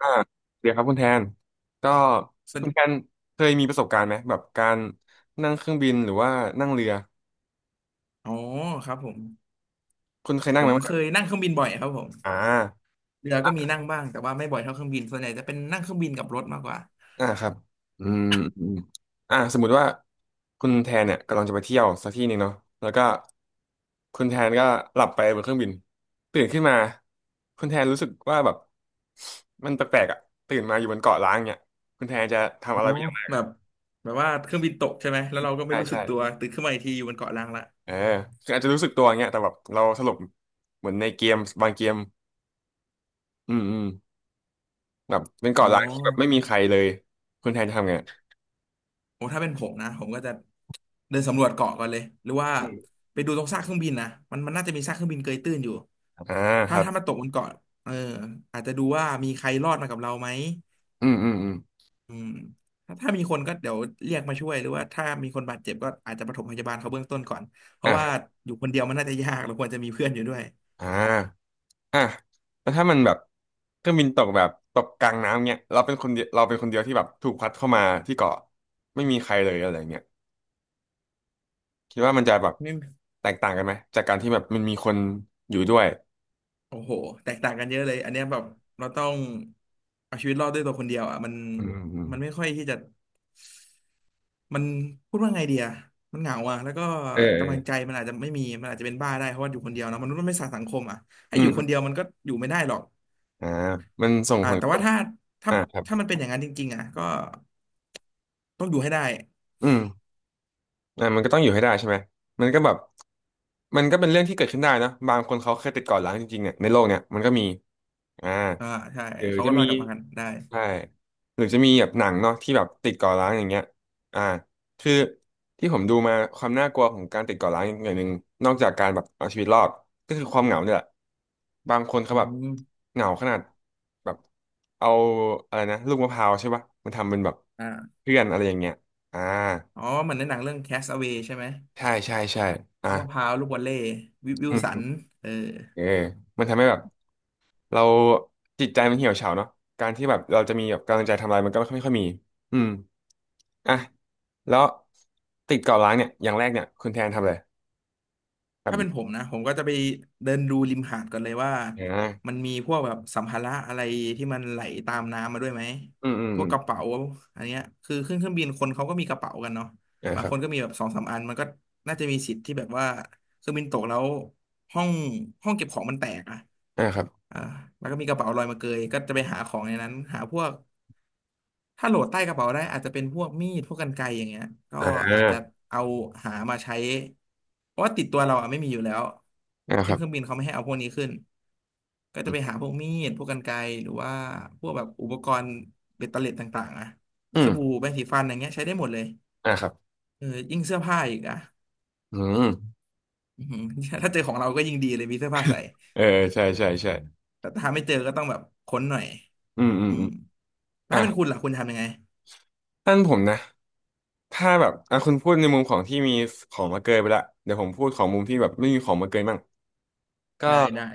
อ่าเดี๋ยวครับคุณแทนก็สคุนิณแททนเคยมีประสบการณ์ไหมแบบการนั่งเครื่องบินหรือว่านั่งเรืออ๋อครับผมคุณเคยผนั่งไหมมแบเคบยนั่งเครื่องบินบ่อยครับผมอ่าเรือก็มีนั่งบ้างแต่ว่าไม่บ่อยเท่าเครื่องบินส่วนใหญ่จะเป็นนั่งเครื่องบินกับรถมากกว่าอ่าครับอืมอืมสมมุติว่าคุณแทนเนี่ยกำลังจะไปเที่ยวสักที่หนึ่งเนาะแล้วก็คุณแทนก็หลับไปบนเครื่องบินตื่นขึ้นมาคุณแทนรู้สึกว่าแบบมันแปลกๆอ่ะตื่นมาอยู่บนเกาะล้างเนี่ยคุณแทนจะทำอ๋อะอไรเป็นอย่างแรแบกบแบบว่าเครื่องบินตกใช่ไหมแล้วเราก็ไม่ใช่รู้สึใช่ กตัวตื่นขึ้นมาอีกทีอยู่บนเกาะล้างละเออคืออาจจะรู้สึกตัวอย่างเงี้ยแต่แบบเราสลบเหมือนในเกมบางเกมอืมอืมแบบเป็นอ๋อเกาะร้างที่แบบไม่มีใครเลยคุณแทนทำไงโอ้ถ้าเป็นผมนะผมก็จะเดินสำรวจเกาะก่อนเลยหรือว่าไปดูตรงซากเครื่องบินนะมันน่าจะมีซากเครื่องบินเกยตื้นอยู่อ่าคถ้ารับถ้ามันตกบนเกาะเอออาจจะดูว่ามีใครรอดมากับเราไหม อืมอืมอืมอืมถ้ามีคนก็เดี๋ยวเรียกมาช่วยหรือว่าถ้ามีคนบาดเจ็บก็อาจจะปฐมพยาบาลเขาเบื้องต้นก่อนเพราะว่าอ่าอยู่คนเดียวมันน่าจะยากเราควรจะมีเพื่อนอยู่ด้วยอ่าอ่ะแล้วถ้ามันแบบเครื่องบินตกแบบตกกลางน้ำเงี้ยเราเป็นคนเดียวเราเป็นคนเดียวที่แบบถูกพัดเข้ามาที่เกาะไม่มีใครเลยอะไรเงี้ยคิดว่ามันจะแบบไม่แตกต่างกันไหมจากการที่แบบมันมีคนอยู่ด้วยโอ้โหแตกต่างกันเยอะเลยอันเนี้ยแบบเราต้องเอาชีวิตรอดด้วยตัวคนเดียวอ่ะมันอืมอืมไม่ค่อยที่จะมันพูดว่าไงเดียมันเหงาอ่ะแล้วก็อืมเออเอกำลังใจอมันอาจจะไม่มีมันอาจจะเป็นบ้าได้เพราะว่าอยู่คนเดียวเนอะมนุษย์มันไม่สานสังคมอ่ะให้อือมยู่อคนเดีมยวมันก็อยู่ไม่ได้หรอกอ่ามันส่งอ่าผลแต่กระว่าทบถ้าถ้าอ่าครับถ้ามันเป็นอย่างนั้นจริงๆอ่ะก็ต้องอยู่ให้ได้ อืม มันก็ต้องอยู่ให้ได้ใช่ไหมมันก็แบบมันก็เป็นเรื่องที่เกิดขึ้นได้นะบางคนเขาเคยติดก่อนร้างจริงๆเนี่ยในโลกเนี่ยมันก็มีอ่าอ่าใช่หรือเขาจะก็รมีอดกลับมากันได้ใช่หรือจะมีแบบหนังเนาะที่แบบติดก่อร้างอย่างเงี้ยอ่าคือที่ผมดูมาความน่ากลัวของการติดก่อร้างอย่างหนึ่งนอกจากการแบบเอาชีวิตรอดก็คือความเหงาเนี่ยแหละบางคนเขาอืแบบมเหงาขนาดแบบเอาอะไรนะลูกมะพร้าวใช่ปะมันทำเป็นแบบอ่าเพื่อนอะไรอย่างเงี้ยอ่า อ๋อเหมือนในหนังเรื่อง Castaway ใช่ไหมใช่ใช่ใช่อ่ะลูกมะพร้าวลูกวอลเลย์วิวิลอืสันมเออเออมันทำให้แบบเราจิตใจมันเหี่ยวเฉาเนาะการที่แบบเราจะมีแบบกำลังใจทำอะไรมันก็ไม่ค่อยมีอืมอ่ะแล้วติดเกาะล้างเนี่ยอย่างแรกเนี่ยคุณแทนทำอะไรครัถ้าเป็นผบมนะผมก็จะไปเดินดูริมหาดก่อนเลยว่าอ่มัานมีพวกแบบสัมภาระอะไรที่มันไหลตามน้ำมาด้วยไหมอืมอืมพวอืกมกระเป๋าอันเนี้ยคือขึ้นเครื่องบินคนเขาก็มีกระเป๋ากันเนาะอ่าบาคงรัคบนก็มีแบบสองสามอันมันก็น่าจะมีสิทธิ์ที่แบบว่าเครื่องบินตกแล้วห้องห้องเก็บของมันแตกอะ อ่าครับอ่าแล้วก็มีกระเป๋าลอยมาเกยก็จะไปหาของในนั้นหาพวกถ้าโหลดใต้กระเป๋าได้อาจจะเป็นพวกมีดพวกกรรไกรอย่างเงี้ยก็อ่อาจจะาเอาหามาใช้เพราะว่าติดตัวเราอ่ะไม่มีอยู่แล้วคขึ้นรัเครื่องบบินเขาไม่ให้เอาพวกนี้ขึ้นก็จะไปหาพวกมีดพวกกรรไกรหรือว่าพวกแบบอุปกรณ์เบ็ดเตล็ดต่างๆอะอืสมบู่แปรงสีฟันอย่างเงี้ยใช้ได้หมดเลยอ่าครับเออยิ่งเสื้อผ้าอีกอ่ะอืมอือหือ ถ้าเจอของเราก็ยิ่งดีเลยมีเสื้อผ้าใส่ เออใช่ใช่ใช่แต่ถ้าไม่เจอก็ต้องแบบค้นหน่อยอืมอืมอือืมมอ่ะถ้าเป็นคุณล่ะคุณทำยังไง ท่านผมนะถ้าแบบอ่ะคุณพูดในมุมของที่มีของมาเกยไปละเดี๋ยวผมพูดของมุมที่แบบไม่มีของมาเกยมั่งก็ ได้ได้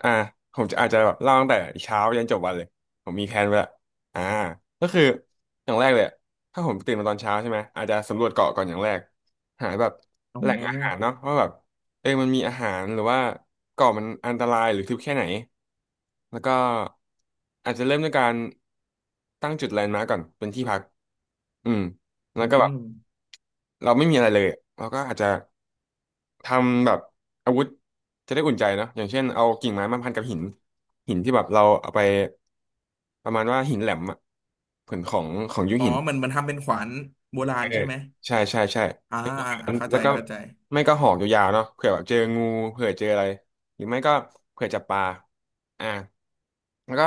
อ่าผมจะอาจจะแบบเล่าตั้งแต่เช้ายันจบวันเลยผมมีแผนไว้ละอ่าก็คืออย่างแรกเลยอะถ้าผมตื่นมาตอนเช้าใช่ไหมอาจจะสำรวจเกาะก่อนอย่างแรกหาแบบอ๋แหล่งอาหารอเนาะว่าแบบเออมันมีอาหารหรือว่าเกาะมันอันตรายหรือทึบแค่ไหนแล้วก็อาจจะเริ่มด้วยการตั้งจุดแลนด์มาร์กก่อนเป็นที่พักอืมแล้อืวก็แบบมเราไม่มีอะไรเลยเราก็อาจจะ ทำแบบอาวุธจะได้อุ่นใจเนอะอย่างเช่นเอากิ่งไม้มาพันกับหินหินที่แบบเราเอาไปประมาณว่าหินแหลมอะผืนของของยุคหินมันทำเป็นขวานโบราเอณอใช่ไหมใช่ใช่ใช่อ่าอ่าเข้าแล้ใจวก็เข้าใจไม่ก็หอกยาวๆเนาะเผื่อแบบเจองูเผื่อเจออะไรหรือไม่ก็เผื่อจับปลาอ่าแล้วก็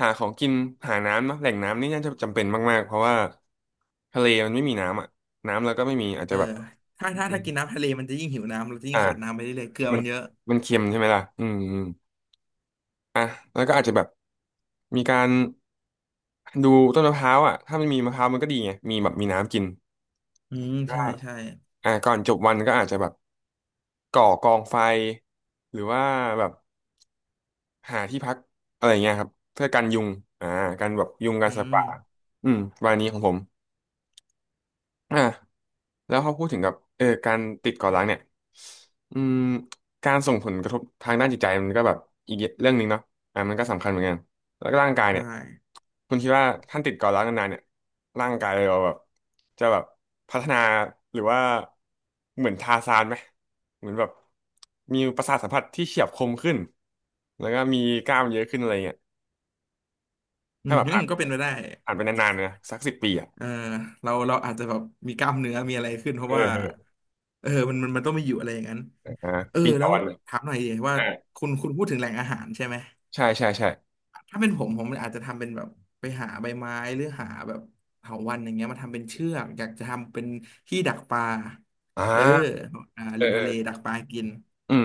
หาของกินหาน้ำเนาะแหล่งน้ำนี่น่าจะจำเป็นมากๆเพราะว่าทะเลมันไม่มีน้ำอะน้ำแล้วก็ไม่มีอาจเอจะอแบบถ้ากินน้ำทะเลมันจะยิ่งหิวน้ำเราจะยิ่อ่างขาดน้ำไปเรื่อยๆเกลือมัมันนเยอะมันเค็มใช่ไหมล่ะอืม อ่ะแล้วก็อาจจะแบบมีการดูต้นมะพร้าวอ่ะถ้ามันมีมะพร้าวมันก็ดีไงมีแบบมีน้ำกินอืมก็ใช่ใช่อ่ะก่อนจบวันก็อาจจะแบบก่อกองไฟหรือว่าแบบหาที่พักอะไรเงี้ยครับเพื่อกันยุงอ่ากันแบบยุงกันอืสัตว์มป่าอืมวันนี้ของผมอ่ะ แล้วเขาพูดถึงกับเออการติดเกาะร้างเนี่ยอืมการส่งผลกระทบทางด้านจิตใจมันก็แบบอีกเรื่องหนึ่งเนาะอ่ะมันก็สำคัญเหมือนกันแล้วก็ร่างกายเนี่ยใช่คุณคิดว่าท่านติดเกาะร้างนานๆเนี่ยร่างกายเราแบบจะแบบพัฒนาหรือว่าเหมือนทาร์ซานไหมเหมือนแบบมีประสาทสัมผัสที่เฉียบคมขึ้นแล้วก็มีกล้ามเยอะขึ้นอะไรเงี้ยอืถ้าแบบมอ่านก็เป็นไปได้อ่านไปนานๆนะสัก10 ปีอ่ะเออเราอาจจะแบบมีกล้ามเนื้อมีอะไรขึ้นเพเอราะว่าอเออเออมันต้องมีอยู่อะไรอย่างนั้นอ่าเออปีต่อแล้ววันถามหน่อยดิว่าอ่าคุณพูดถึงแหล่งอาหารใช่ไหม ใช่ใช่ใช่ถ้าเป็นผมผมอาจจะทำเป็นแบบไปหาใบไม้หรือหาแบบเถาวัลย์อย่างเงี้ยมาทำเป็นเชือกอยากจะทำเป็นที่ดักปลาอ่เออาอ่าริมทะเลเออ ดักปลากินอืม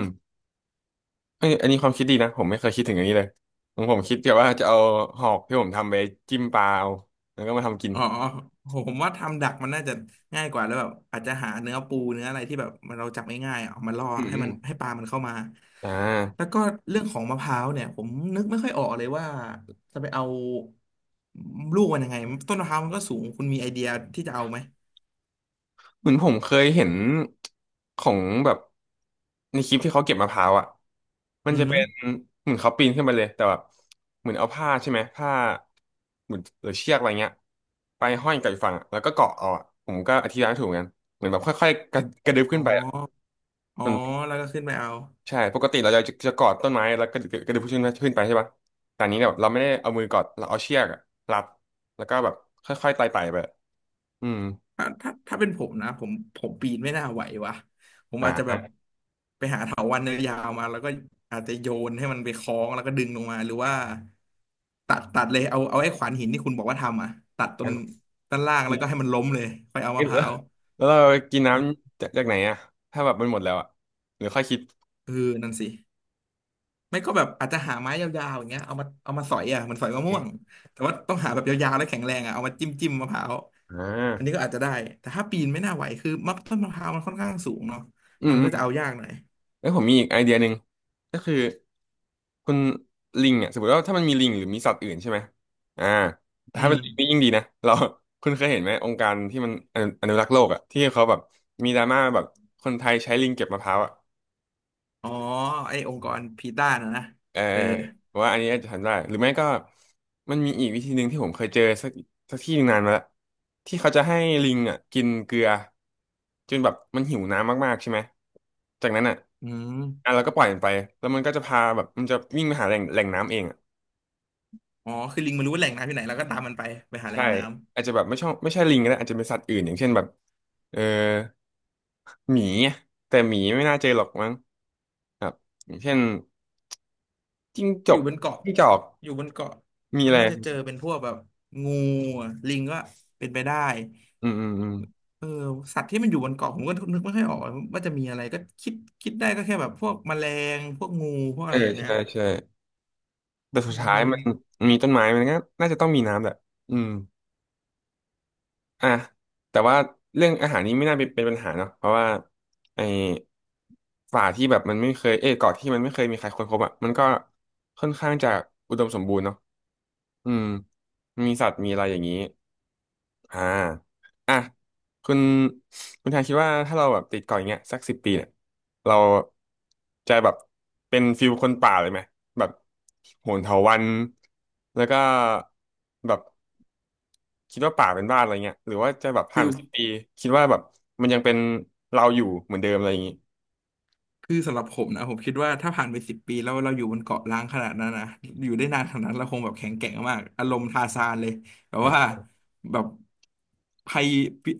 เอ้ยอันนี้ความคิดดีนะผมไม่เคยคิดถึงอย่างนี้เลยของผมคิดแต่ว่าจะเอาหอกที่ผมทำไปจิ้มปลาเอาแล้วก็มาทำกินอ๋อผมว่าทำดักมันน่าจะง่ายกว่าแล้วแบบอาจจะหาเนื้อปูเนื้ออะไรที่แบบมันเราจับง่ายๆอ่ะเอามาล่ออืมให้อมันมให้ปลามันเข้ามาอ่แล้วาก็เรื่องของมะพร้าวเนี่ยผมนึกไม่ค่อยออกเลยว่าจะไปเอาลูกมันยังไงต้นมะพร้าวมันก็สูงคุณมีไอเดียที่จะเอาไหมเหมือนผมเคยเห็นของแบบในคลิปที่เขาเก็บมะพร้าวอ่ะมันอือจะฮึเป็นเหมือนเขาปีนขึ้นไปเลยแต่แบบเหมือนเอาผ้าใช่ไหมผ้าเหมือนหรือเชือกอะไรเงี้ยไปห้อยกับอีกฝั่งอะแล้วก็เกาะเอาอะผมก็อธิบายไม่ถูกเหมือนกันเหมือนแบบค่อยๆกระดึบอ๋อ ขึ้นไปอ่ะ อ๋อแล้วก็ขึ้นไปเอาใช่ปกติเราจะจะกอดต้นไม้แล้วก็กระดึบขึ้นไปใช่ปะแต่อันนี้เนี่ยแบบเราไม่ได้เอามือกอดเราเอาเชือกอะรัดแล้วก็แบบค่อยๆไต่ไปอืมถ้าเป็นผมนะผมปีนไม่น่าไหววะผมอ่อาจจะแบบาไปหาเถาวัลย์ยาวๆมาแล้วก็อาจจะโยนให้มันไปคล้องแล้วก็ดึงลงมาหรือว่าตัดเลยเอาไอ้ขวานหินที่คุณบอกว่าทำอ่ะตัดต้งั้นนด้านล่างแล้วก็ให้มันล้มเลยค่อยเอาเหมะพลือร้าวแล้วเรากินน้ำจากไหนอะถ้าแบบมันหมดแล้วอะหรือค่อยคิดเออนั่นสิไม่ก็แบบอาจจะหาไม้ยาวๆอย่างเงี้ยเอามาสอยอ่ะเหมันสอยมะม่วงแต่ว่าต้องหาแบบยาวๆแล้วแข็งแรงอ่ะเอามาจิ้มมะพร้าว อ่าอันนี้ก็อาจจะได้แต่ถ้าปีนไม่น่าไหวคือมักต้นมะพร้าวมันค่อนข้างสูงเนาะอืมมันอืก็มจะเอายากหน่อยแล้วผมมีอีกไอเดียหนึ่งก็คือ คุณลิงอ่ะสมมติว่าถ้ามันมีลิงหรือมีสัตว์อื่นใช่ไหมอ่าอืถ้าเป็มนลิงนี่ยิ่งดีนะเรา คุณเคยเห็นไหมองค์การที่มันอนุรักษ์โลกอ่ะที่เขาแบบมีดราม่าแบบคนไทยใช้ลิงเก็บมะพร้าวอ่ะอ๋อไอ้องค์กรพีต้านะนะเออเออว่าอันนี้อาจจะทำได้หรือไม่ก็มันมีอีกวิธีหนึ่งที่ผมเคยเจอสักที่หนึ่งนานมาแล้วที่เขาจะให้ลิงอ่ะกินเกลือจนแบบมันหิวน้ำมากๆใช่ไหมจากนั้นอ่ะอืมอ่ะเราก็ปล่อยมันไปแล้วมันก็จะพาแบบมันจะวิ่งไปหาแหล่งน้ำเองอ่ะ อ๋อคือลิงมันรู้ว่าแหล่งน้ำที่ไหนแล้วก็ตามมันไปไปหาแหล่ใช่งน้ำ อาจจะแบบไม่ชอบไม่ใช่ลิงก็ได้อาจจะเป็นสัตว์อื่นอย่างเช่นแบบเออหมีอะแต่หมีไม่น่าเจอหรอกมั้งครับอย่างเช่นจิ้งจอยู่กบนเกาะจิ้งจอกอยู่บนเกาะมีมัอะนไรน่าจะเจอเป็นพวกแบบงูอะลิงก็เป็นไปได้อืมอืมอืมเออสัตว์ที่มันอยู่บนเกาะผมก็นึกไม่ค่อยออกว่าจะมีอะไรก็คิดคิดได้ก็แค่แบบพวกแมลงพวกงูพวกเออะอไรอย่างเงี้ใช่ยใช่แต่สุอืดท้ายมันมมีต้นไม้มันก็น่าจะต้องมีน้ำแหละอืมอ่ะแต่ว่าเรื่องอาหารนี้ไม่น่าเป็นปัญหาเนาะเพราะว่าไอ้ป่าที่แบบมันไม่เคยเอ้ยเกาะที่มันไม่เคยมีใครค้นพบอ่ะมันก็ค่อนข้างจะอุดมสมบูรณ์เนาะอืมมีสัตว์มีอะไรอย่างนี้ อ่าอ่ะคุณคุณทางคิดว่าถ้าเราแบบติดเกาะอย่างเงี้ยสักสิบปีเนี่ย เราจะแบบเป็นฟิลคนป่าเลยไหมแบบโหนเถาวัลย์แล้วก็แบบคิดว่าป่าเป็นบ้านอะไรเงี้ยหรือว่าจะแบบผ่านคือ ไปสิบปีคิดว่าแบบมันยังเป็นเราอยู่เหมือนเดิมอะไรอย่างงี้คือสำหรับผมนะผมคิดว่าถ้าผ่านไปสิบปีแล้วเราอยู่บนเกาะล้างขนาดนั้นนะอยู่ได้นานขนาดนั้นเราคงแบบแข็งแกร่งมากอารมณ์ทาซานเลยแบบฮะ ว่าแบบภัย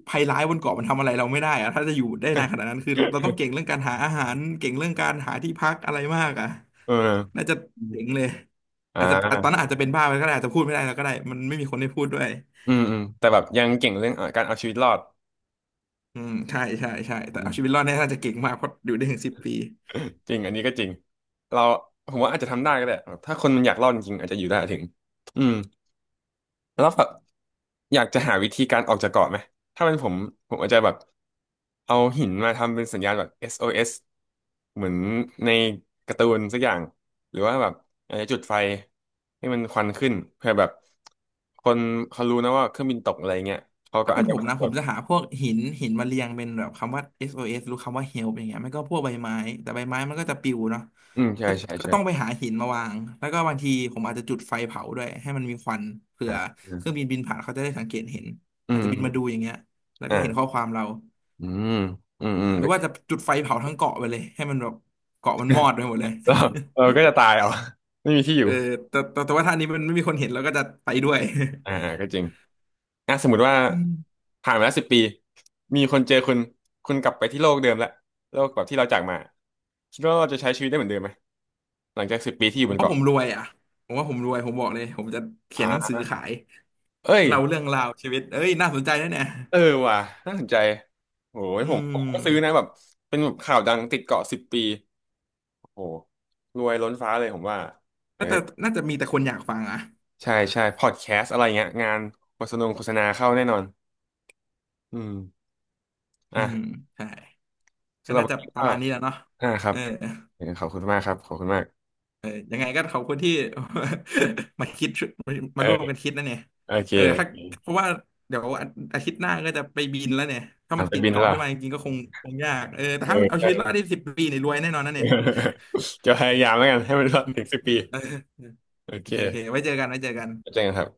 ภัยร้ายบนเกาะมันทำอะไรเราไม่ได้อะถ้าจะอยู่ได้นานขนาดนั้นคือเราต้องเก่งเรื่ องการหาอาหารเก่งเรื่องการหาที่พักอะไรมากอ่ะเออน่าจะเจ๋งเลยอ่อาจจะตอนานั้นอาจจะเป็นบ้าไปก็ได้อาจจะพูดไม่ได้แล้วก็ได้มันไม่มีคนให้พูดด้วยอืมอืมแต่แบบยังเก่งเรื่องการเอาชีวิตรอดอืมใช่ใช่ใช่อืแต่เอาม ชีวิตรอดเนี่ยน่าจะเก่งมากเพราะอยู่ได้ถึงสิบปี จริงอันนี้ก็จริงเราผมว่าอาจจะทำได้ก็ได้แบบถ้าคนมันอยากรอดจริงๆอาจจะอยู่ได้ถึงอืมแล้วแบบอยากจะหาวิธีการออกจากเกาะไหมถ้าเป็นผมผมอาจจะแบบเอาหินมาทำเป็นสัญญาณแบบ SOS เอสเหมือนในการ์ตูนสักอย่างหรือว่าแบบอาจจะจุดไฟให้มันควันขึ้นเพื่อแบบคนเขารู้นะว่าเครื่องบินตกอะไรเงี้ยเขาก็ถ้าอาเป็นจผจะมมานะสำรผวมจจะหาพวกหินมาเรียงเป็นแบบคำว่า SOS หรือคำว่า help อย่างเงี้ยไม่ก็พวกใบไม้แต่ใบไม้มันก็จะปลิวเนาะอืมใช่ก็ใช่ก็ต้องไปใช่หาหินมาวางแล้วก็บางทีผมอาจจะจุดไฟเผาด้วยให้มันมีควันเผื่อ่าออืมเครื่องบินบินผ่านเขาจะได้สังเกตเห็นอือาจมจะบิอืนมาดูมอย่างเงี้ยแล้วก็เห็นข้อ่าอความเราอืมอืมอืม อ่าหรือว่าจะจุดไฟเผาทั้งเกาะไปเลยให้มันแบบเกาะมันมอดไปหมดเลย เราเราก็จะตายเอา ไม่มีที่อ เอยู่อแต่ว่าท่านี้มันไม่มีคนเห็นแล้วก็จะไปด้วย อ่าอ่า ก็จริงอ่ะสมมติว่าอืมผ่านมาแล้วสิบปีมีคนเจอคุณคุณกลับไปที่โลกเดิมละโลกแบบที่เราจากมาคิดว่าเราจะใช้ชีวิตได้เหมือนเดิมไหมหลังจากสิบปีที่อผยู่บมนว่าผเกาะมรวยอ่ะผมว่าผมรวยผมบอกเลยผมจะเขีอ่ยนหนังสือาขาย เอ้ยเล่าเรื่องราวชีวิตเอ้ยน่าสนใจนะเนี่ยเออว่ะน่าสนใจโหยอืผมผมมก็ซื้อนะแบบเป็นแบบข่าวดังติดเกาะสิบปีโอ้โหรวยล้นฟ้าเลยผมว่าเออน่าจะน่าจะมีแต่คนอยากฟังอ่ะใช่ใช่พอดแคสต์อะไรเงี้ยงานโฆษณาเข้าแน่นอนอืมอืมอ่ะใช่ก็สำหรับน่าวัจะนนี้ปก็ ระมาณนี้แหล้วเนาะอ่าครัเอบอเออขอบคุณมากครับขอบคุณมากเออยังไงก็ขอบคุณที่ มาคิดมาร่วมกัเออนคิดนะเนี่ยโอเคเออถ้าเพราะว่าเดี๋ยวอาทิตย์หน้าก็จะไปบินแล้วเนี่ยถ้าอ่ะมันไปติดบินแล้วเกาะล่ะขึ้นมาจริงๆก็คงยากเออแต่เออถ้าเอาเอชีวิตรอ อดได้สิบปีเนี่ยรวยแน่นอนนะเนี่ย จะพยายามแล้วกันให้มันรอดถึงสิบปี เออโอโอเคเคโอเคไว้เจอกันไว้เจอกันแล้วเจอกันครับ